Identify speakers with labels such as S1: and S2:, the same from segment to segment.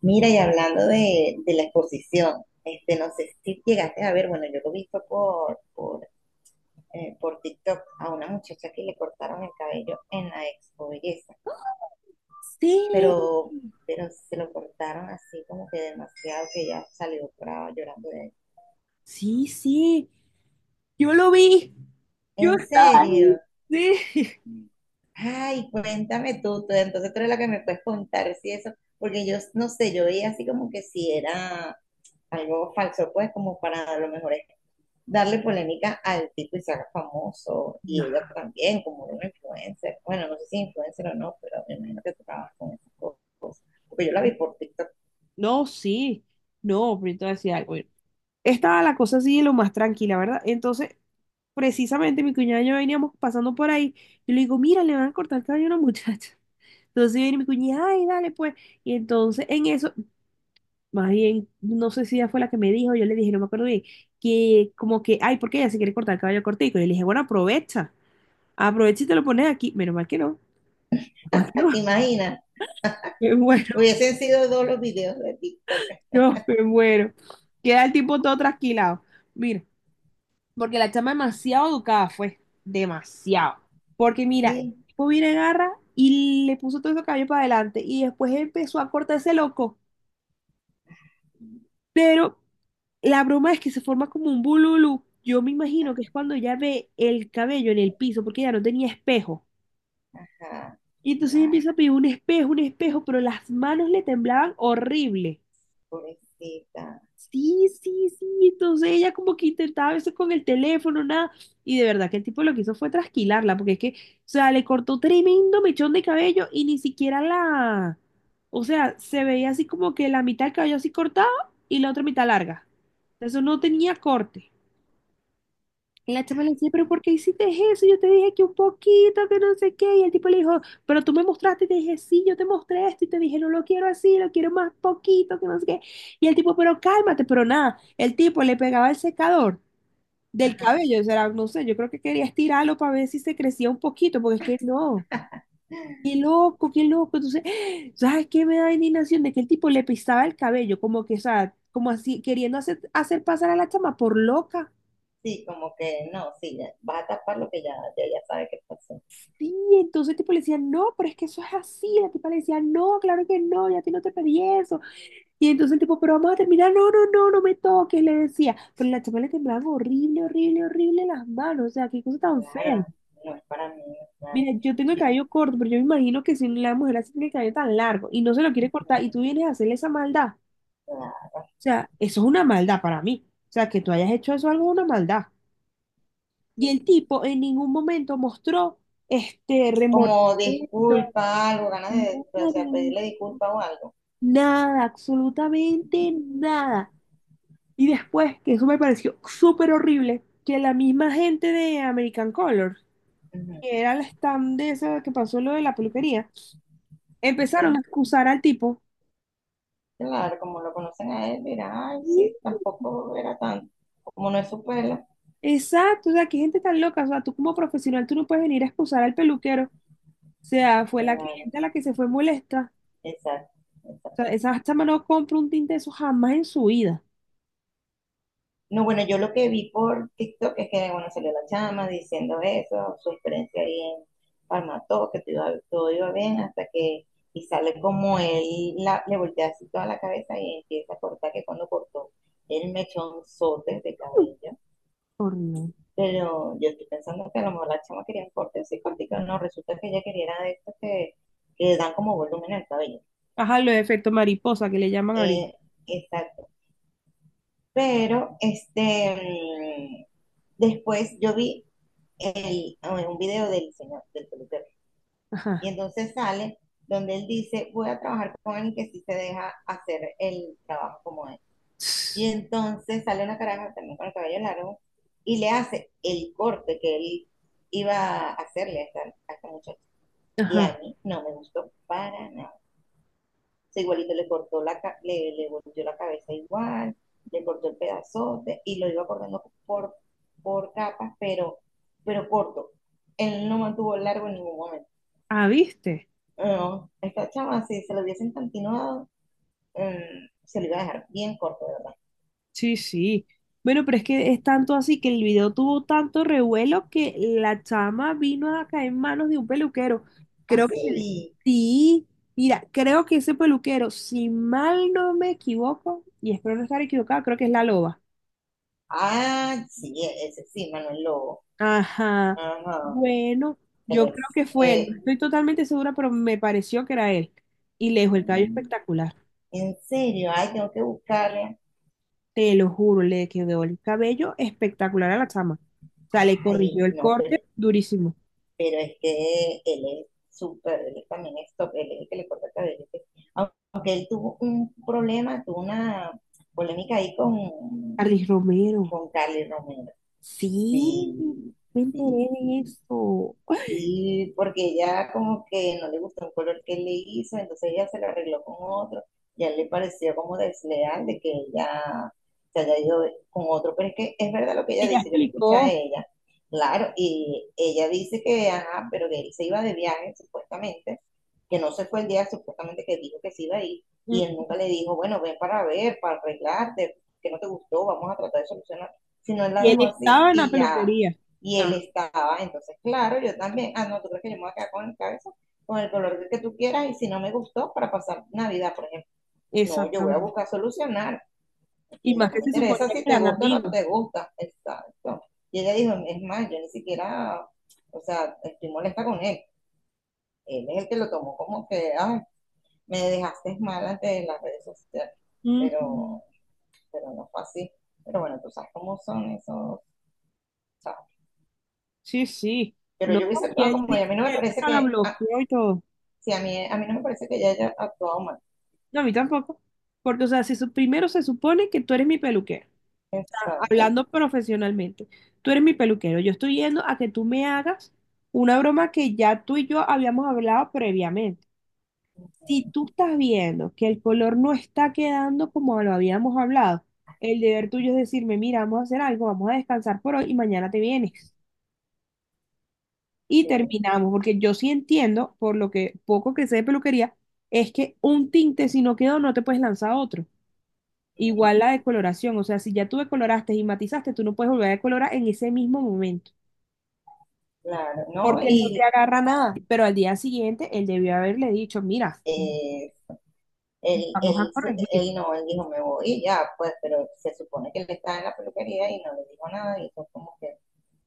S1: Mira, y hablando de la exposición, este, no sé si llegaste a ver, bueno, yo lo he visto por TikTok a una muchacha que le cortaron el cabello en la Expo Belleza,
S2: Sí,
S1: y- pero, pero se lo cortaron así como que demasiado, que ella salió brava llorando de.
S2: sí, sí, yo lo vi, yo
S1: ¿En
S2: estaba
S1: serio?
S2: ahí, sí.
S1: Ay, cuéntame tú, entonces tú eres la que me puedes contar si eso, porque yo no sé, yo veía así como que si era algo falso, pues como para a lo mejor darle polémica al tipo y se haga famoso,
S2: No,
S1: y ella también, como una influencer. Bueno, no sé si influencer o no, pero me imagino que tú trabajas con esas cosas. Porque yo la vi por TikTok.
S2: no, sí, no, pero entonces decía algo. Bueno, estaba la cosa así de lo más tranquila, ¿verdad? Entonces, precisamente mi cuñada y yo veníamos pasando por ahí, y le digo, mira, le van a cortar el cabello a una muchacha. Entonces viene mi cuñada, ay, dale pues. Y entonces en eso, más bien, no sé si ella fue la que me dijo, yo le dije, no me acuerdo bien, que como que, ay, ¿por qué ella se quiere cortar el cabello cortico? Y le dije, bueno, aprovecha. Aprovecha y te lo pones aquí. Menos mal que no. Menos mal
S1: Ah,
S2: que no.
S1: ¿te imaginas?
S2: Me muero,
S1: Hubiesen sido dos los videos de TikTok
S2: no, me muero. Queda el tipo todo trasquilado. Mira, porque la chama demasiado educada fue. Demasiado. Porque mira, el
S1: así.
S2: tipo viene, agarra y le puso todo ese cabello para adelante. Y después empezó a cortarse loco. Pero la broma es que se forma como un bululú. Yo me imagino que es cuando ya ve el cabello en el piso, porque ya no tenía espejo.
S1: Ajá.
S2: Y entonces ella
S1: La
S2: empieza a pedir un espejo, pero las manos le temblaban horrible.
S1: pobrecita.
S2: Sí, sí, sí. Entonces ella como que intentaba a veces con el teléfono, nada. Y de verdad que el tipo lo que hizo fue trasquilarla, porque es que, o sea, le cortó tremendo mechón de cabello y ni siquiera la, o sea, se veía así como que la mitad del cabello así cortado y la otra mitad larga. Eso no tenía corte. Y la chama le decía, pero ¿por qué hiciste eso? Yo te dije que un poquito, que no sé qué. Y el tipo le dijo, pero tú me mostraste y te dije, sí, yo te mostré esto y te dije, no lo quiero así, lo quiero más poquito, que no sé qué. Y el tipo, pero cálmate, pero nada. El tipo le pegaba el secador del
S1: Ajá.
S2: cabello, o sea, no sé, yo creo que quería estirarlo para ver si se crecía un poquito, porque es que no. Qué loco, qué loco. Entonces, ¿sabes qué me da indignación? De que el tipo le pisaba el cabello, como que, o sea, como así, queriendo hacer pasar a la chama por loca.
S1: Sí, como que no, sí, ya, vas a tapar lo que ya, ya, ya sabe que pasó.
S2: Sí, entonces tipo le decía, no, pero es que eso es así. La tipa le decía, no, claro que no, ya a ti no te pedí eso. Y entonces el tipo, pero vamos a terminar, no, no me toques, le decía. Pero la chama le temblaban horrible, horrible, horrible las manos, o sea, qué cosa tan fea.
S1: Claro, no es para mí, claro.
S2: Mira, yo tengo el
S1: Y-
S2: cabello corto, pero yo me imagino que si la mujer así tiene el cabello tan largo y no se lo quiere cortar y tú vienes a hacerle esa maldad, o
S1: claro,
S2: sea, eso es una maldad para mí. O sea, que tú hayas hecho eso algo es una maldad. Y
S1: sí,
S2: el
S1: sí.
S2: tipo en ningún momento mostró este remordimiento,
S1: Como disculpa, algo, ganas de, o sea,
S2: nada,
S1: pedirle disculpa o algo.
S2: nada, absolutamente nada. Y después, que eso me pareció súper horrible, que la misma gente de American Color,
S1: Ujú,
S2: que era el stand de esa que pasó lo de la peluquería,
S1: ok.
S2: empezaron a excusar al tipo.
S1: Claro, como lo conocen a él, dirá, ay,
S2: Mm,
S1: sí, tampoco era tanto. Como no es su pelo.
S2: exacto, o sea, qué gente tan loca, o sea, tú como profesional, tú no puedes venir a excusar al peluquero. O sea, fue la
S1: Claro,
S2: cliente la que se fue molesta.
S1: exacto,
S2: O
S1: exacto.
S2: sea, esa chama no compra un tinte de eso jamás en su vida.
S1: No, bueno, yo lo que vi por TikTok es que, bueno, salió la chama diciendo eso, su experiencia ahí en Palmató, que todo iba bien, hasta que, y sale como él le voltea así toda la cabeza y empieza a cortar, que cuando cortó el mechonzote de
S2: Mm,
S1: cabello.
S2: horrible.
S1: Pero yo estoy pensando que a lo mejor la chama quería corte así cortico, no, resulta que ella quería era de estos que le dan como volumen al cabello.
S2: Ajá, los efectos mariposa que le llaman ahorita.
S1: Eh, exacto. Pero, este, después yo vi un video del señor, del peluquero, y
S2: Ajá.
S1: entonces sale donde él dice, voy a trabajar con alguien que sí se deja hacer el trabajo como es. Y entonces sale una caraja también con el cabello largo y le hace el corte que él iba a hacerle a esta muchacha. Y a
S2: Ajá.
S1: mí no me gustó para nada. O sea, igualito le cortó le volteó la cabeza igual, le cortó el pedazote y lo iba cortando por capas, pero corto. Él no mantuvo largo en ningún momento.
S2: Ah, ¿viste?
S1: No, esta chama, si se lo hubiesen continuado, se lo iba a dejar bien corto, ¿de verdad?
S2: Sí, sí. Bueno, pero es que es tanto así que el video tuvo tanto revuelo que la chama vino a caer en manos de un peluquero. Creo que
S1: Así.
S2: sí. Mira, creo que ese peluquero, si mal no me equivoco, y espero no estar equivocado, creo que es la loba.
S1: Ah, sí, ese sí, Manuel Lobo.
S2: Ajá.
S1: Ajá.
S2: Bueno,
S1: Él
S2: yo creo
S1: es,
S2: que fue él. No estoy totalmente segura, pero me pareció que era él. Y le dejó el cabello
S1: mm,
S2: espectacular.
S1: en serio, ay, tengo que buscarle.
S2: Te lo juro, le quedó el cabello espectacular a la chama. O sea, le
S1: Ay,
S2: corrigió el
S1: no, pero
S2: corte durísimo.
S1: pero es que él es súper, él también es top, él es el que le corta el cabello. Aunque él tuvo un problema, tuvo una polémica ahí con,
S2: Carlos Romero.
S1: con Carly Romero.
S2: Sí,
S1: Sí,
S2: me
S1: sí,
S2: enteré de
S1: sí.
S2: eso.
S1: Sí, porque ella como que no le gustó un color que él le hizo, entonces ella se lo arregló con otro, y a él le pareció como desleal de que ella se haya ido con otro, pero es que es verdad lo que ella
S2: Ella
S1: dice, yo lo escuché a
S2: explicó.
S1: ella, claro, y ella dice que, ajá, pero que él se iba de viaje supuestamente, que no se fue el día supuestamente que dijo que se iba a ir, y
S2: Mm,
S1: él nunca le dijo, bueno, ven para ver, para arreglarte, que no te gustó, vamos a tratar de solucionar, sino él la
S2: y él
S1: dejó así
S2: estaba en la
S1: y ya,
S2: peluquería.
S1: y él
S2: Ah,
S1: estaba, entonces, claro, yo también, ah, no, tú crees que yo me voy a quedar con el color que tú quieras, y si no me gustó, para pasar Navidad, por ejemplo, no, yo voy a
S2: exactamente.
S1: buscar solucionar,
S2: Y
S1: y no
S2: más que
S1: me
S2: se
S1: interesa
S2: suponía que
S1: si te
S2: eran
S1: gusta o no
S2: amigos.
S1: te gusta, exacto. Y ella dijo, es más, yo ni siquiera, o sea, estoy molesta con él, él es el que lo tomó como que, ay, me dejaste mal ante las redes sociales,
S2: Ujú.
S1: pero, pero no fue así. Pero bueno, tú sabes cómo son esos, ¿sabes?
S2: Sí, sí.
S1: Pero
S2: No,
S1: yo hubiese
S2: y
S1: actuado
S2: ella
S1: como ella.
S2: dice
S1: A mí no me
S2: que él
S1: parece
S2: hasta la
S1: que, ah,
S2: bloqueó y todo.
S1: sí, a mí no me parece que ella haya actuado mal.
S2: No, a mí tampoco. Porque, o sea, si su- primero se supone que tú eres mi peluquero.
S1: Exacto,
S2: Hablando profesionalmente, tú eres mi peluquero, yo estoy yendo a que tú me hagas una broma que ya tú y yo habíamos hablado previamente. Si tú estás viendo que el color no está quedando como lo habíamos hablado, el deber tuyo es decirme, mira, vamos a hacer algo, vamos a descansar por hoy y mañana te vienes. Y
S1: sí,
S2: terminamos, porque yo sí entiendo, por lo que poco que sé de peluquería, es que un tinte si no quedó no te puedes lanzar otro.
S1: mm,
S2: Igual la decoloración, o sea, si ya tú decoloraste y matizaste, tú no puedes volver a decolorar en ese mismo momento.
S1: claro, ¿no?
S2: Porque él no te
S1: Y
S2: agarra nada, pero al día siguiente él debió haberle dicho, mira,
S1: eh, él, él,
S2: vamos a corregir.
S1: él no, él dijo, me voy y ya, pues, pero se supone que él estaba en la peluquería y no le dijo nada y fue como que,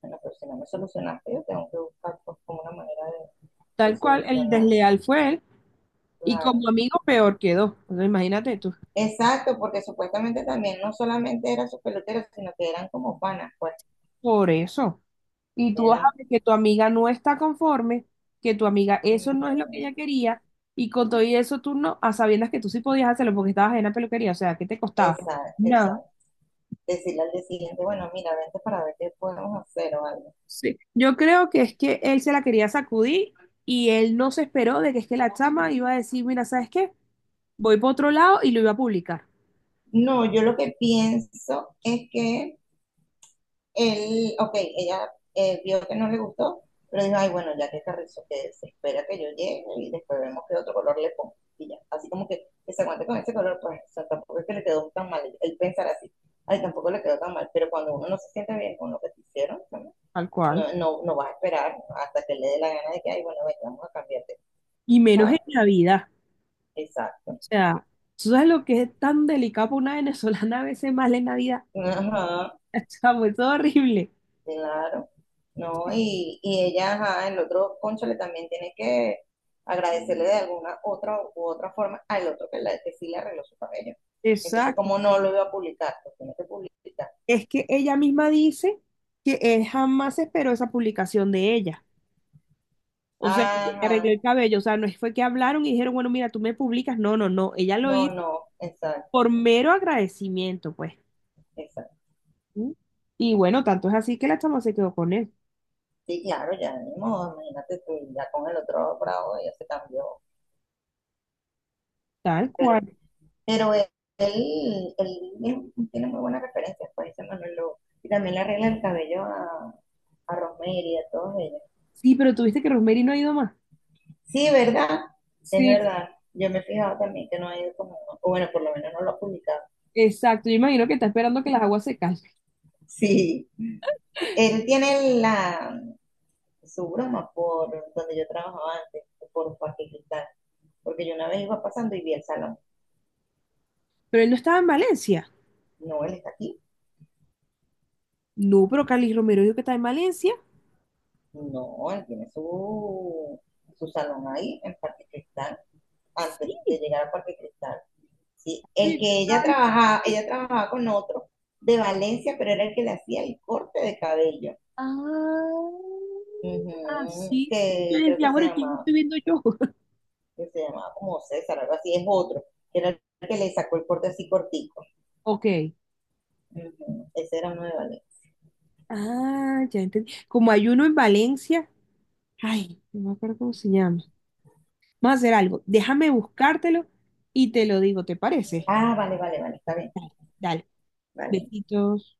S1: bueno, pero si no me solucionaste, yo tengo que buscar pues, como una manera de,
S2: Tal cual, el
S1: solucionar.
S2: desleal fue él y como
S1: Claro.
S2: amigo peor quedó. Entonces, imagínate tú,
S1: Exacto, porque supuestamente también no solamente eran sus peloteros, sino que eran como panas, pues
S2: por eso. Y tú vas a
S1: eran.
S2: ver que tu amiga no está conforme, que tu amiga eso no es lo que
S1: Ujú.
S2: ella quería y con todo y eso tú no, a sabiendas que tú sí podías hacerlo porque estabas en la peluquería, o sea, ¿qué te costaba?
S1: Exacto,
S2: Nada.
S1: exacto. Decirle al día siguiente, bueno, mira, vente para ver qué podemos hacer o algo.
S2: Sí. Yo creo que es que él se la quería sacudir y él no se esperó de que es que la chama iba a decir, mira, ¿sabes qué? Voy por otro lado y lo iba a publicar,
S1: No, yo lo que pienso es que él, ok, ella, vio que no le gustó, pero dijo, ay, bueno, ya que Carrizo, que se espera que yo llegue y después vemos qué otro color le pongo. Y ya, así como que se aguante con ese color, pues o sea, tampoco es que le quedó tan mal, él pensar así, ay, tampoco le quedó tan mal, pero cuando uno no se siente bien con lo que te hicieron, ¿no?
S2: tal cual.
S1: No, no, no vas a esperar hasta que le dé la gana de que, ay, bueno, ven, vamos a cambiarte.
S2: Y menos en
S1: ¿Sabes?
S2: Navidad. O
S1: Exacto.
S2: sea, ¿tú sabes lo que es tan delicado para una venezolana a veces más en Navidad?
S1: Ajá.
S2: O sea, fue todo horrible.
S1: Claro, ¿no? Y ella, ajá, el otro cónchale también tiene que agradecerle de alguna otra u otra forma al otro que, la, que sí le arregló su cabello. Entonces,
S2: Exacto.
S1: ¿como no lo iba a publicar? Lo tiene que publicar.
S2: Es que ella misma dice que él jamás esperó esa publicación de ella. O sea, que le
S1: Ajá,
S2: arregló el cabello. O sea, no fue que hablaron y dijeron, bueno, mira, tú me publicas. No, no, no. Ella lo
S1: no,
S2: hizo
S1: no, exacto,
S2: por mero agradecimiento, pues.
S1: exacto.
S2: ¿Mm? Y bueno, tanto es así que la chama se quedó con él.
S1: Sí, claro, ya, ni modo, imagínate tú, ya con el otro bravo ya se cambió.
S2: Tal
S1: Pero,
S2: cual.
S1: pero él tiene muy buenas referencias, pues dice Manuel Lobo. Y también le arregla el cabello a Rosemary, a todos ellos.
S2: Sí, pero tuviste que Rosemary no ha ido más.
S1: Sí, ¿verdad? Es
S2: Sí,
S1: verdad. Yo me he fijado también que no ha ido como, o bueno, por lo menos no lo ha publicado.
S2: exacto, yo imagino que está esperando que las aguas se calmen.
S1: Sí. Él tiene su broma por donde yo trabajaba antes, por Parque Cristal. Porque yo una vez iba pasando y vi el salón.
S2: Pero él no estaba en Valencia.
S1: No, él está aquí.
S2: No, pero Carlos Romero dijo que está en Valencia.
S1: No, él tiene su salón ahí, en Parque Cristal, antes
S2: Sí,
S1: de llegar a Parque Cristal. Sí.
S2: sí,
S1: El que
S2: está bien.
S1: ella trabajaba con otro de Valencia, pero era el que le hacía el corte de cabello.
S2: Ah,
S1: Ujú,
S2: sí, sí. Yo
S1: que creo que
S2: decía,
S1: se
S2: bueno, ¿quién
S1: llama,
S2: estoy viendo yo?
S1: que se llamaba como César, algo así, es otro, que era el que le sacó el corte así cortico.
S2: Ok.
S1: Ujú, ese era uno de Valencia.
S2: Ah, ya entendí. Como hay uno en Valencia. Ay, no me acuerdo cómo se llama. Vamos a hacer algo. Déjame buscártelo y te lo digo, ¿te parece?
S1: Ah, vale, vale, vale, está bien,
S2: Dale.
S1: vale.
S2: Besitos.